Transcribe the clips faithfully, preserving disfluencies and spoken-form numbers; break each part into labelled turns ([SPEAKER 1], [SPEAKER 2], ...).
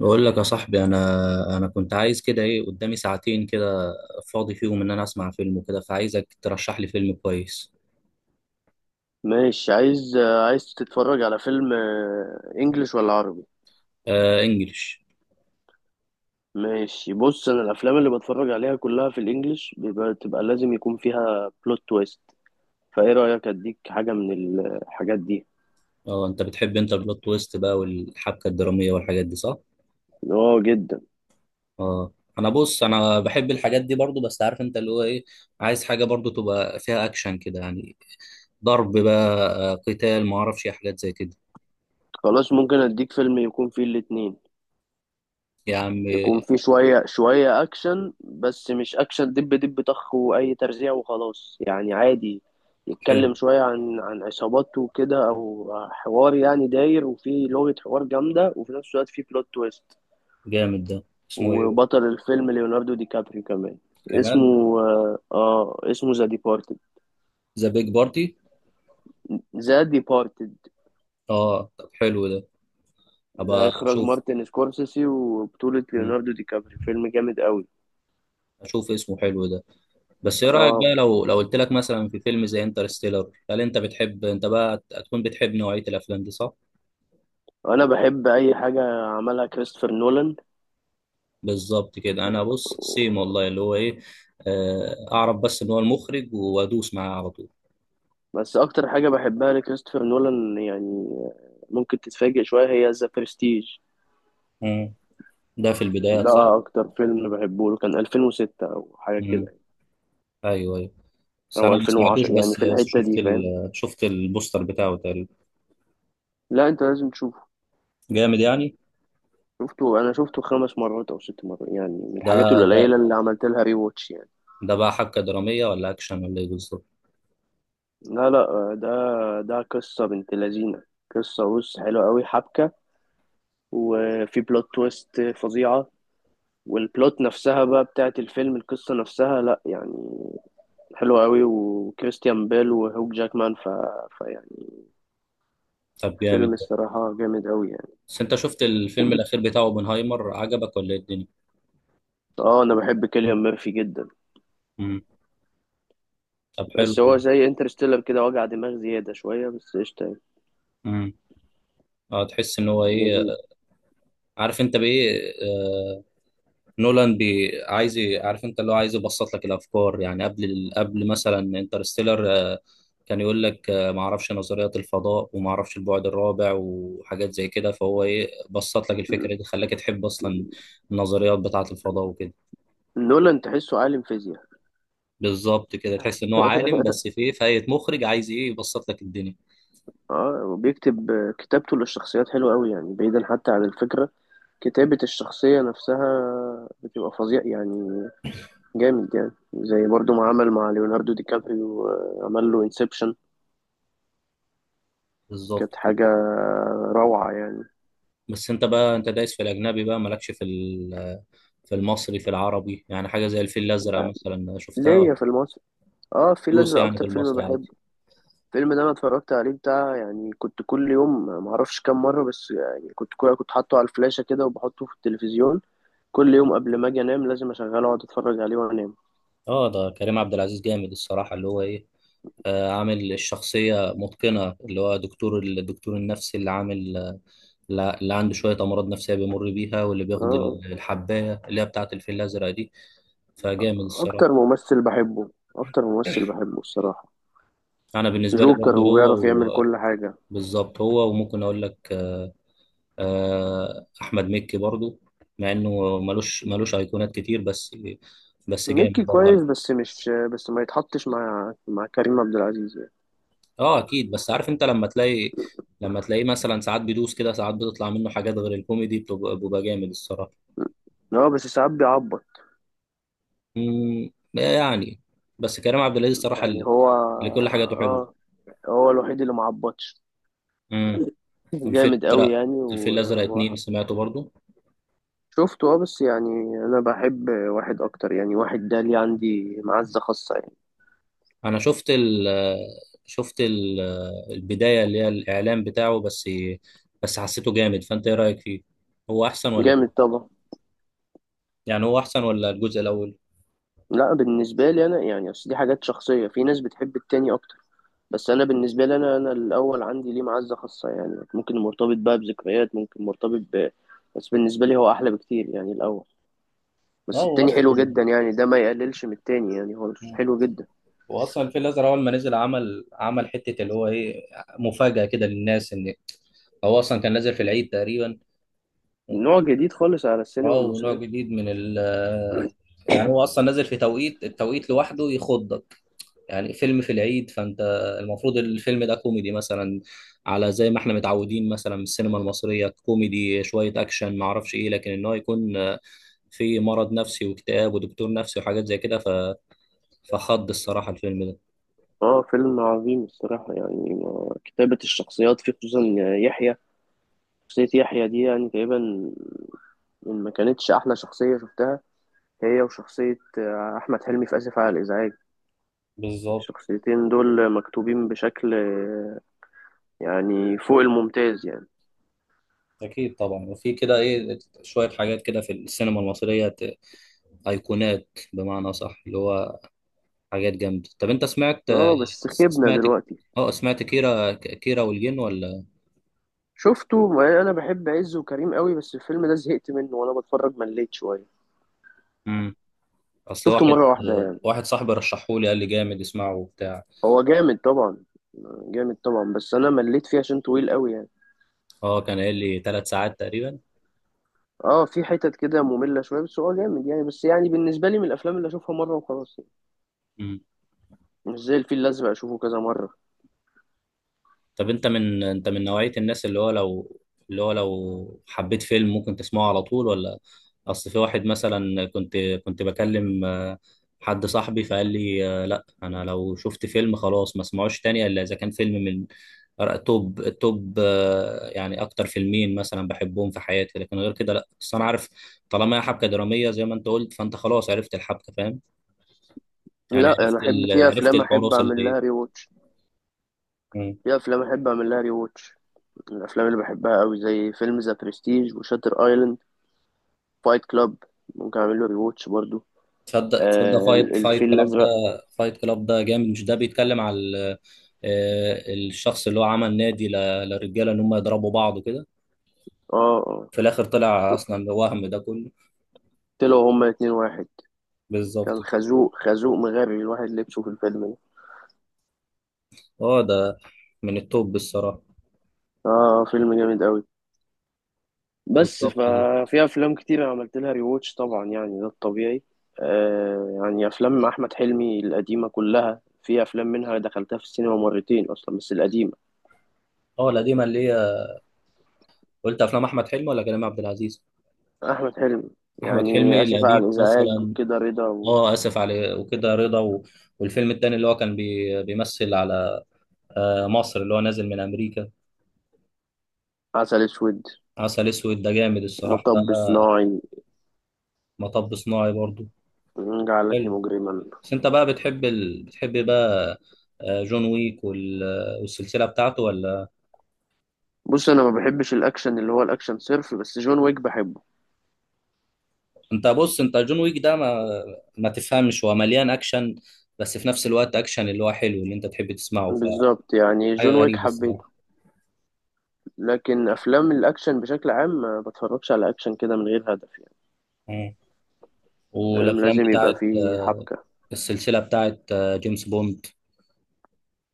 [SPEAKER 1] بقول لك يا صاحبي، انا انا كنت عايز كده ايه، قدامي ساعتين كده فاضي فيهم ان انا اسمع فيلم وكده، فعايزك ترشح لي فيلم كويس.
[SPEAKER 2] ماشي. عايز عايز تتفرج على فيلم، آه، انجليش ولا عربي؟
[SPEAKER 1] آه، انجلش.
[SPEAKER 2] ماشي، بص، انا الافلام اللي بتفرج عليها كلها في الانجليش بيبقى تبقى لازم يكون فيها بلوت تويست. فايه رايك اديك حاجه من الحاجات دي؟
[SPEAKER 1] اه، انت بتحب انت البلوت تويست بقى والحبكه الدراميه والحاجات دي صح؟
[SPEAKER 2] اه جدا.
[SPEAKER 1] اه، انا بص انا بحب الحاجات دي برضو، بس عارف انت اللي هو ايه، عايز حاجه برضو تبقى فيها اكشن كده يعني. ضرب بقى، آه، قتال، ما اعرفش إيه، حاجات زي كده.
[SPEAKER 2] خلاص ممكن اديك فيلم يكون فيه الاتنين.
[SPEAKER 1] يا عم.
[SPEAKER 2] يكون في شوية شوية أكشن، بس مش أكشن دب دب طخ وأي ترزيع وخلاص يعني، عادي.
[SPEAKER 1] حلو.
[SPEAKER 2] يتكلم شوية عن عن عصاباته وكده، أو حوار يعني داير، وفي لغة حوار جامدة، وفي نفس الوقت في بلوت تويست.
[SPEAKER 1] جامد ده. اسمه ايه بقى؟
[SPEAKER 2] وبطل الفيلم ليوناردو دي كابريو كمان.
[SPEAKER 1] كمان.
[SPEAKER 2] اسمه آه آه، اسمه ذا ديبارتد.
[SPEAKER 1] ذا بيج بارتي.
[SPEAKER 2] ذا ديبارتد،
[SPEAKER 1] اه، طب حلو ده.
[SPEAKER 2] ده
[SPEAKER 1] ابقى
[SPEAKER 2] إخراج
[SPEAKER 1] اشوف
[SPEAKER 2] مارتن سكورسيسي وبطولة ليوناردو دي كابريو، فيلم جامد قوي.
[SPEAKER 1] اشوف اسمه حلو ده. بس ايه رايك
[SPEAKER 2] اه،
[SPEAKER 1] بقى لو لو قلت لك مثلا في فيلم زي انترستيلر، هل انت بتحب، انت بقى هتكون بتحب نوعيه الافلام دي صح؟
[SPEAKER 2] انا بحب اي حاجه عملها كريستوفر نولان.
[SPEAKER 1] بالظبط كده. انا بص سيم والله اللي هو ايه. آه، اعرف بس ان هو المخرج وادوس معاه على طول.
[SPEAKER 2] بس اكتر حاجه بحبها لكريستوفر نولان يعني، ممكن تتفاجئ شويه، هي ذا برستيج.
[SPEAKER 1] مم. ده في البدايات صح.
[SPEAKER 2] ده اكتر فيلم بحبه له، كان ألفين وستة او حاجه كده
[SPEAKER 1] مم.
[SPEAKER 2] يعني،
[SPEAKER 1] ايوه، ايوه. بس
[SPEAKER 2] او
[SPEAKER 1] انا ما سمعتوش،
[SPEAKER 2] ألفين وعشرة، يعني
[SPEAKER 1] بس
[SPEAKER 2] في
[SPEAKER 1] بس
[SPEAKER 2] الحته
[SPEAKER 1] شفت
[SPEAKER 2] دي، فاهم؟
[SPEAKER 1] ال... شفت البوستر بتاعه تقريبا.
[SPEAKER 2] لا انت لازم تشوفه.
[SPEAKER 1] جامد يعني.
[SPEAKER 2] شفته انا شفته خمس مرات او ست مرات، يعني من
[SPEAKER 1] ده
[SPEAKER 2] الحاجات
[SPEAKER 1] ده
[SPEAKER 2] القليله اللي عملت لها ري واتش يعني.
[SPEAKER 1] ده بقى حبكه دراميه ولا اكشن ولا ايه بالظبط؟
[SPEAKER 2] لا لا، ده ده قصه بنت لذينه. قصه، بص، حلوه قوي، حبكه، وفي بلوت تويست فظيعه. والبلوت نفسها بقى بتاعت الفيلم، القصه نفسها لا يعني، حلو قوي. وكريستيان بيل وهوك جاكمان، ف... فيعني
[SPEAKER 1] طب
[SPEAKER 2] فيلم
[SPEAKER 1] جامد ده.
[SPEAKER 2] الصراحة جامد قوي يعني.
[SPEAKER 1] بس انت شفت الفيلم الاخير بتاعه اوبنهايمر؟ عجبك ولا ايه الدنيا؟
[SPEAKER 2] اه، انا بحب كيليان ميرفي جدا.
[SPEAKER 1] مم. طب حلو
[SPEAKER 2] بس هو
[SPEAKER 1] والله.
[SPEAKER 2] زي انترستيلر كده، وجع دماغ زيادة شوية، بس قشطة يعني.
[SPEAKER 1] مم. اه، تحس ان هو ايه،
[SPEAKER 2] لذيذ.
[SPEAKER 1] عارف انت بايه. آه نولان بي عايز ي- عارف انت اللي هو عايز يبسط لك الافكار، يعني قبل ال- قبل مثلا انترستيلر آه كان يقول لك آه ما اعرفش نظريات الفضاء، وما اعرفش البعد الرابع وحاجات زي كده، فهو ايه، بسط لك الفكره دي، خلاك تحب اصلا النظريات بتاعه الفضاء وكده.
[SPEAKER 2] نولان تحسه عالم فيزياء.
[SPEAKER 1] بالظبط كده. تحس ان هو عالم، بس في ايه، فاية مخرج عايز ايه، يبسط لك الدنيا.
[SPEAKER 2] اه، وبيكتب. كتابته للشخصيات حلوة قوي يعني، بعيدا حتى عن الفكرة، كتابة الشخصية نفسها بتبقى فظيع يعني. جامد يعني، زي برضو ما عمل مع ليوناردو دي كابريو، آه، عمل له انسبشن.
[SPEAKER 1] بالظبط
[SPEAKER 2] كانت
[SPEAKER 1] كده.
[SPEAKER 2] حاجة روعة يعني.
[SPEAKER 1] بس انت بقى انت دايس في الاجنبي بقى، مالكش في ال- في المصري، في العربي. يعني حاجه زي الفيل الازرق مثلا شفتها؟
[SPEAKER 2] ليا في المصري. اه، الفيل
[SPEAKER 1] دوس
[SPEAKER 2] الازرق
[SPEAKER 1] يعني في
[SPEAKER 2] اكتر فيلم
[SPEAKER 1] المصري عادي.
[SPEAKER 2] بحبه. الفيلم ده انا اتفرجت عليه بتاع يعني، كنت كل يوم ما اعرفش كام مره، بس يعني كنت كنت حاطه على الفلاشه كده، وبحطه في التلفزيون كل يوم قبل ما اجي انام. لازم اشغله واقعد اتفرج عليه وانام.
[SPEAKER 1] اه، ده كريم عبد العزيز جامد الصراحه اللي هو ايه. آه عامل الشخصيه متقنه، اللي هو دكتور الدكتور النفسي اللي عامل، لا- اللي عنده شويه امراض نفسيه بيمر بيها، واللي
[SPEAKER 2] اه
[SPEAKER 1] بياخد ال-
[SPEAKER 2] آه.
[SPEAKER 1] الحبايه اللي هي بتاعه الفيل الازرق دي، فجامد الصراحه.
[SPEAKER 2] اكتر ممثل بحبه اكتر ممثل بحبه الصراحه.
[SPEAKER 1] انا بالنسبه لي
[SPEAKER 2] جوكر،
[SPEAKER 1] برضه هو
[SPEAKER 2] وبيعرف يعمل
[SPEAKER 1] و-
[SPEAKER 2] كل حاجه.
[SPEAKER 1] بالظبط، هو وممكن اقول لك آه، احمد مكي برضو، مع انه ملوش ملوش ايقونات كتير، بس بس جامد
[SPEAKER 2] ميكي
[SPEAKER 1] برضه.
[SPEAKER 2] كويس، بس مش بس ما يتحطش مع مع كريم عبد العزيز يعني.
[SPEAKER 1] اه اكيد، بس عارف انت لما تلاقي، لما تلاقيه مثلا ساعات بيدوس كده، ساعات بتطلع منه حاجات غير الكوميدي، بتبقى بيبقى جامد الصراحه.
[SPEAKER 2] اه بس ساعات بيعبط.
[SPEAKER 1] امم يعني، بس كريم عبد العزيز الصراحه
[SPEAKER 2] يعني
[SPEAKER 1] اللي,
[SPEAKER 2] هو
[SPEAKER 1] اللي كل حاجاته
[SPEAKER 2] اه،
[SPEAKER 1] حلوه.
[SPEAKER 2] هو الوحيد اللي ما عبطش.
[SPEAKER 1] امم الفيل
[SPEAKER 2] جامد قوي
[SPEAKER 1] الازرق،
[SPEAKER 2] يعني
[SPEAKER 1] الفيل الازرق
[SPEAKER 2] و-
[SPEAKER 1] اتنين سمعته برضو.
[SPEAKER 2] وشفته، اه، بس يعني انا بحب واحد اكتر يعني، واحد ده ليه عندي معزة خاصة يعني.
[SPEAKER 1] انا شفت ال شفت ال البدايه اللي هي الاعلان بتاعه بس، بس حسيته جامد، فانت ايه رايك فيه؟ هو احسن ولا،
[SPEAKER 2] جامد طبعا.
[SPEAKER 1] يعني هو احسن ولا الجزء الاول؟
[SPEAKER 2] لا، بالنسبة لي انا يعني، اصل دي حاجات شخصية، في ناس بتحب التاني اكتر، بس انا بالنسبة لي انا، انا الاول عندي ليه معزة خاصة يعني، ممكن مرتبط بقى بذكريات، ممكن مرتبط ب... بس بالنسبة لي هو احلى بكتير يعني الاول.
[SPEAKER 1] لا،
[SPEAKER 2] بس
[SPEAKER 1] هو
[SPEAKER 2] التاني حلو
[SPEAKER 1] اصلا
[SPEAKER 2] جدا يعني، ده ما يقللش من التاني يعني، هو حلو جدا.
[SPEAKER 1] هو اصلا الفيل الازرق اول ما نزل، عمل عمل حته اللي هو ايه، مفاجاه كده للناس، ان هو اصلا كان نازل في العيد تقريبا.
[SPEAKER 2] نوع جديد خالص على السينما
[SPEAKER 1] اه، ونوع
[SPEAKER 2] المصرية.
[SPEAKER 1] جديد من ال يعني، هو اصلا نازل في توقيت التوقيت لوحده يخضك. يعني فيلم في العيد، فانت المفروض الفيلم ده كوميدي مثلا، على زي ما احنا متعودين مثلا من السينما المصرية، كوميدي، شوية اكشن، ما اعرفش ايه، لكن ان هو يكون آه، في مرض نفسي، واكتئاب، ودكتور نفسي، وحاجات زي كده. ف... فخض الصراحة الفيلم ده.
[SPEAKER 2] اه فيلم عظيم الصراحة يعني. ما- كتابة الشخصيات فيه خصوصا، يحيى، شخصية يحيى دي يعني تقريبا، إن ما كانتش أحلى شخصية شفتها، هي وشخصية آه، أحمد حلمي في آسف على الإزعاج.
[SPEAKER 1] بالظبط.
[SPEAKER 2] الشخصيتين دول مكتوبين بشكل آه، يعني فوق الممتاز يعني.
[SPEAKER 1] أكيد طبعا، وفي كده إيه، شوية حاجات كده في السينما المصرية ت- أيقونات بمعنى صح، اللي هو حاجات جامدة. طب أنت سمعت
[SPEAKER 2] اه بس خيبنا
[SPEAKER 1] سمعت
[SPEAKER 2] دلوقتي.
[SPEAKER 1] أه سمعت كيرة كيرة والجن ولا؟
[SPEAKER 2] شفته، ما أنا بحب عز وكريم قوي، بس الفيلم ده زهقت منه، وأنا بتفرج مليت شوية.
[SPEAKER 1] مم. اصل
[SPEAKER 2] شفته
[SPEAKER 1] واحد
[SPEAKER 2] مرة واحدة يعني.
[SPEAKER 1] واحد صاحبي رشحهولي، قال لي جامد اسمعه وبتاع.
[SPEAKER 2] هو جامد طبعا، جامد طبعا، بس أنا مليت فيه عشان طويل قوي يعني.
[SPEAKER 1] اه، كان قايل لي ثلاث ساعات تقريبا.
[SPEAKER 2] اه، في حتت كده مملة شوية، بس هو جامد يعني، بس يعني بالنسبة لي من الأفلام اللي أشوفها مرة وخلاص يعني، مش زي الفيل الأزرق أشوفه كذا مرة.
[SPEAKER 1] طب انت من، انت من نوعية الناس اللي هو لو، اللي هو لو حبيت فيلم ممكن تسمعه على طول ولا؟ اصل في واحد مثلا، كنت كنت بكلم آه، حد صاحبي، فقال لي آه، لا انا لو شفت فيلم خلاص ما اسمعوش تاني، الا اذا كان فيلم من أر- توب توب آه، يعني اكتر فيلمين مثلا بحبهم في حياتي، لكن غير كده لا. بس انا عارف طالما هي حبكة درامية زي ما انت قلت، فانت خلاص عرفت الحبكة فاهم. يعني
[SPEAKER 2] لا أنا
[SPEAKER 1] عرفت
[SPEAKER 2] أحب،
[SPEAKER 1] ال...
[SPEAKER 2] في
[SPEAKER 1] عرفت
[SPEAKER 2] أفلام أحب
[SPEAKER 1] الحراس
[SPEAKER 2] أعمل
[SPEAKER 1] اللي.
[SPEAKER 2] لها ري واتش. في أفلام أحب أعمل لها ري واتش من الأفلام اللي بحبها أوي زي فيلم ذا برستيج وشاتر أيلاند. فايت كلاب ممكن أعمل له ري واتش برضه.
[SPEAKER 1] تصدق
[SPEAKER 2] آه،
[SPEAKER 1] تصدق فايت فايت
[SPEAKER 2] الفيل
[SPEAKER 1] كلاب ده،
[SPEAKER 2] الأزرق.
[SPEAKER 1] فايت كلاب ده جامد. مش ده بيتكلم على ال- آه، الشخص اللي هو عمل نادي ل- للرجاله ان هم يضربوا بعض كده،
[SPEAKER 2] اه اه.
[SPEAKER 1] في الاخر طلع اصلا وهم ده كله.
[SPEAKER 2] طلعوا هما اتنين واحد. كان
[SPEAKER 1] بالظبط كده.
[SPEAKER 2] خازوق، خازوق مغري الواحد لبسه في الفيلم ده.
[SPEAKER 1] اه، ده من التوب الصراحه.
[SPEAKER 2] اه فيلم جامد أوي. بس
[SPEAKER 1] بالظبط كده.
[SPEAKER 2] ففي افلام كتير انا عملت لها ريواتش طبعا يعني، ده الطبيعي. آه، يعني افلام احمد حلمي القديمه كلها، في افلام منها دخلتها في السينما مرتين اصلا، بس القديمه.
[SPEAKER 1] اه القديمه اللي هي، قلت افلام احمد حلمي ولا كريم عبد العزيز؟
[SPEAKER 2] احمد حلمي.
[SPEAKER 1] احمد
[SPEAKER 2] يعني
[SPEAKER 1] حلمي
[SPEAKER 2] اسف على
[SPEAKER 1] القديم
[SPEAKER 2] الازعاج
[SPEAKER 1] مثلا.
[SPEAKER 2] كده، رضا،
[SPEAKER 1] اه، اسف على وكده رضا و... والفيلم التاني اللي هو كان بي... بيمثل على آه، مصر، اللي هو نازل من امريكا.
[SPEAKER 2] وعسل اسود،
[SPEAKER 1] عسل اسود ده جامد الصراحه ده.
[SPEAKER 2] مطب صناعي،
[SPEAKER 1] مطب صناعي برضو.
[SPEAKER 2] جعلتني
[SPEAKER 1] حلو.
[SPEAKER 2] مجرما.
[SPEAKER 1] بس انت بقى بتحب ال... بتحب بقى آه، جون ويك وال... والسلسله بتاعته ولا؟
[SPEAKER 2] بص انا ما بحبش الاكشن اللي هو الاكشن صرف، بس جون ويك بحبه.
[SPEAKER 1] انت بص، انت جون ويك ده ما ما تفهمش، هو مليان اكشن، بس في نفس الوقت اكشن اللي هو حلو، اللي انت تحب تسمعه،
[SPEAKER 2] بالظبط، يعني
[SPEAKER 1] فحاجه
[SPEAKER 2] جون ويك
[SPEAKER 1] غريبه
[SPEAKER 2] حبيته،
[SPEAKER 1] الصراحه.
[SPEAKER 2] لكن افلام الاكشن بشكل عام ما بتفرجش على اكشن كده من غير هدف يعني.
[SPEAKER 1] مم.
[SPEAKER 2] فاهم،
[SPEAKER 1] والافلام
[SPEAKER 2] لازم يبقى
[SPEAKER 1] بتاعت
[SPEAKER 2] فيه حبكة.
[SPEAKER 1] السلسله بتاعت آه، جيمس بوند،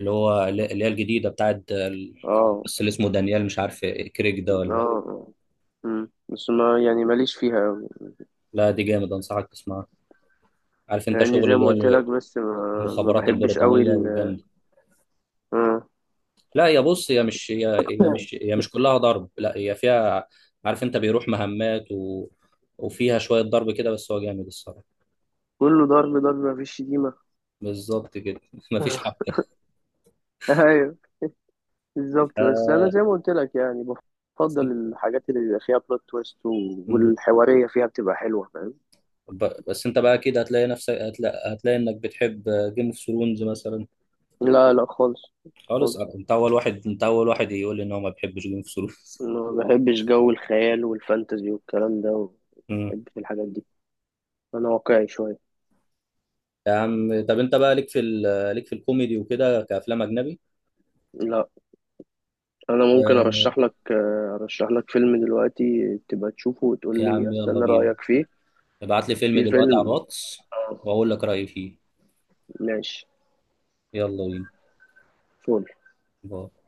[SPEAKER 1] اللي هو اللي هي الجديده بتاعت آه، ال-
[SPEAKER 2] اه
[SPEAKER 1] بس اللي اسمه دانيال، مش عارف، كريك ده
[SPEAKER 2] اه
[SPEAKER 1] ولا؟
[SPEAKER 2] آه. مم. بس ما يعني ماليش فيها أوي.
[SPEAKER 1] لا دي جامد، انصحك تسمعها. عارف انت
[SPEAKER 2] يعني
[SPEAKER 1] شغل
[SPEAKER 2] زي
[SPEAKER 1] اللي
[SPEAKER 2] ما قلت
[SPEAKER 1] هي
[SPEAKER 2] لك، بس ما, ما
[SPEAKER 1] المخابرات
[SPEAKER 2] بحبش أوي
[SPEAKER 1] البريطانيه
[SPEAKER 2] ال...
[SPEAKER 1] والجامد.
[SPEAKER 2] آه.
[SPEAKER 1] لا يا بص، هي مش هي هي مش هي مش كلها ضرب. لا هي فيها، عارف انت، بيروح مهمات و... وفيها شوية ضرب كده، بس هو جامد الصراحة.
[SPEAKER 2] كله ضرب ضرب، مفيش شتيمة.
[SPEAKER 1] بالظبط كده. مفيش حبكة.
[SPEAKER 2] أيوه بالظبط. بس أنا
[SPEAKER 1] آه.
[SPEAKER 2] زي ما قلت لك يعني، بفضل الحاجات اللي بيبقى فيها بلوت تويست و-
[SPEAKER 1] مم.
[SPEAKER 2] والحوارية فيها بتبقى حلوة، فاهم.
[SPEAKER 1] ب- بس انت بقى كده هتلاقي نفسك، هتلاقي, هتلاقي انك بتحب جيم اوف ثرونز مثلا؟
[SPEAKER 2] لا لا خالص،
[SPEAKER 1] خالص،
[SPEAKER 2] خالص
[SPEAKER 1] انت اول واحد انت اول واحد يقول لي ان هو ما بيحبش جيم اوف ثرونز.
[SPEAKER 2] ما بحبش جو الخيال والفانتزي والكلام ده، ما بحبش الحاجات دي. أنا واقعي شوية.
[SPEAKER 1] يا عم طب انت بقى ليك في ال... ليك في الكوميدي وكده كافلام اجنبي.
[SPEAKER 2] لا، انا ممكن
[SPEAKER 1] آه.
[SPEAKER 2] ارشح لك، آه، ارشح لك فيلم دلوقتي تبقى تشوفه وتقول
[SPEAKER 1] يا
[SPEAKER 2] لي،
[SPEAKER 1] عم يلا
[SPEAKER 2] استنى
[SPEAKER 1] بينا،
[SPEAKER 2] رايك فيه.
[SPEAKER 1] ابعت لي فيلم
[SPEAKER 2] في
[SPEAKER 1] دلوقتي على
[SPEAKER 2] فيلم،
[SPEAKER 1] الواتس،
[SPEAKER 2] آه،
[SPEAKER 1] واقول لك رأيي فيه.
[SPEAKER 2] ماشي.
[SPEAKER 1] يلا بينا.
[SPEAKER 2] فول.
[SPEAKER 1] باي.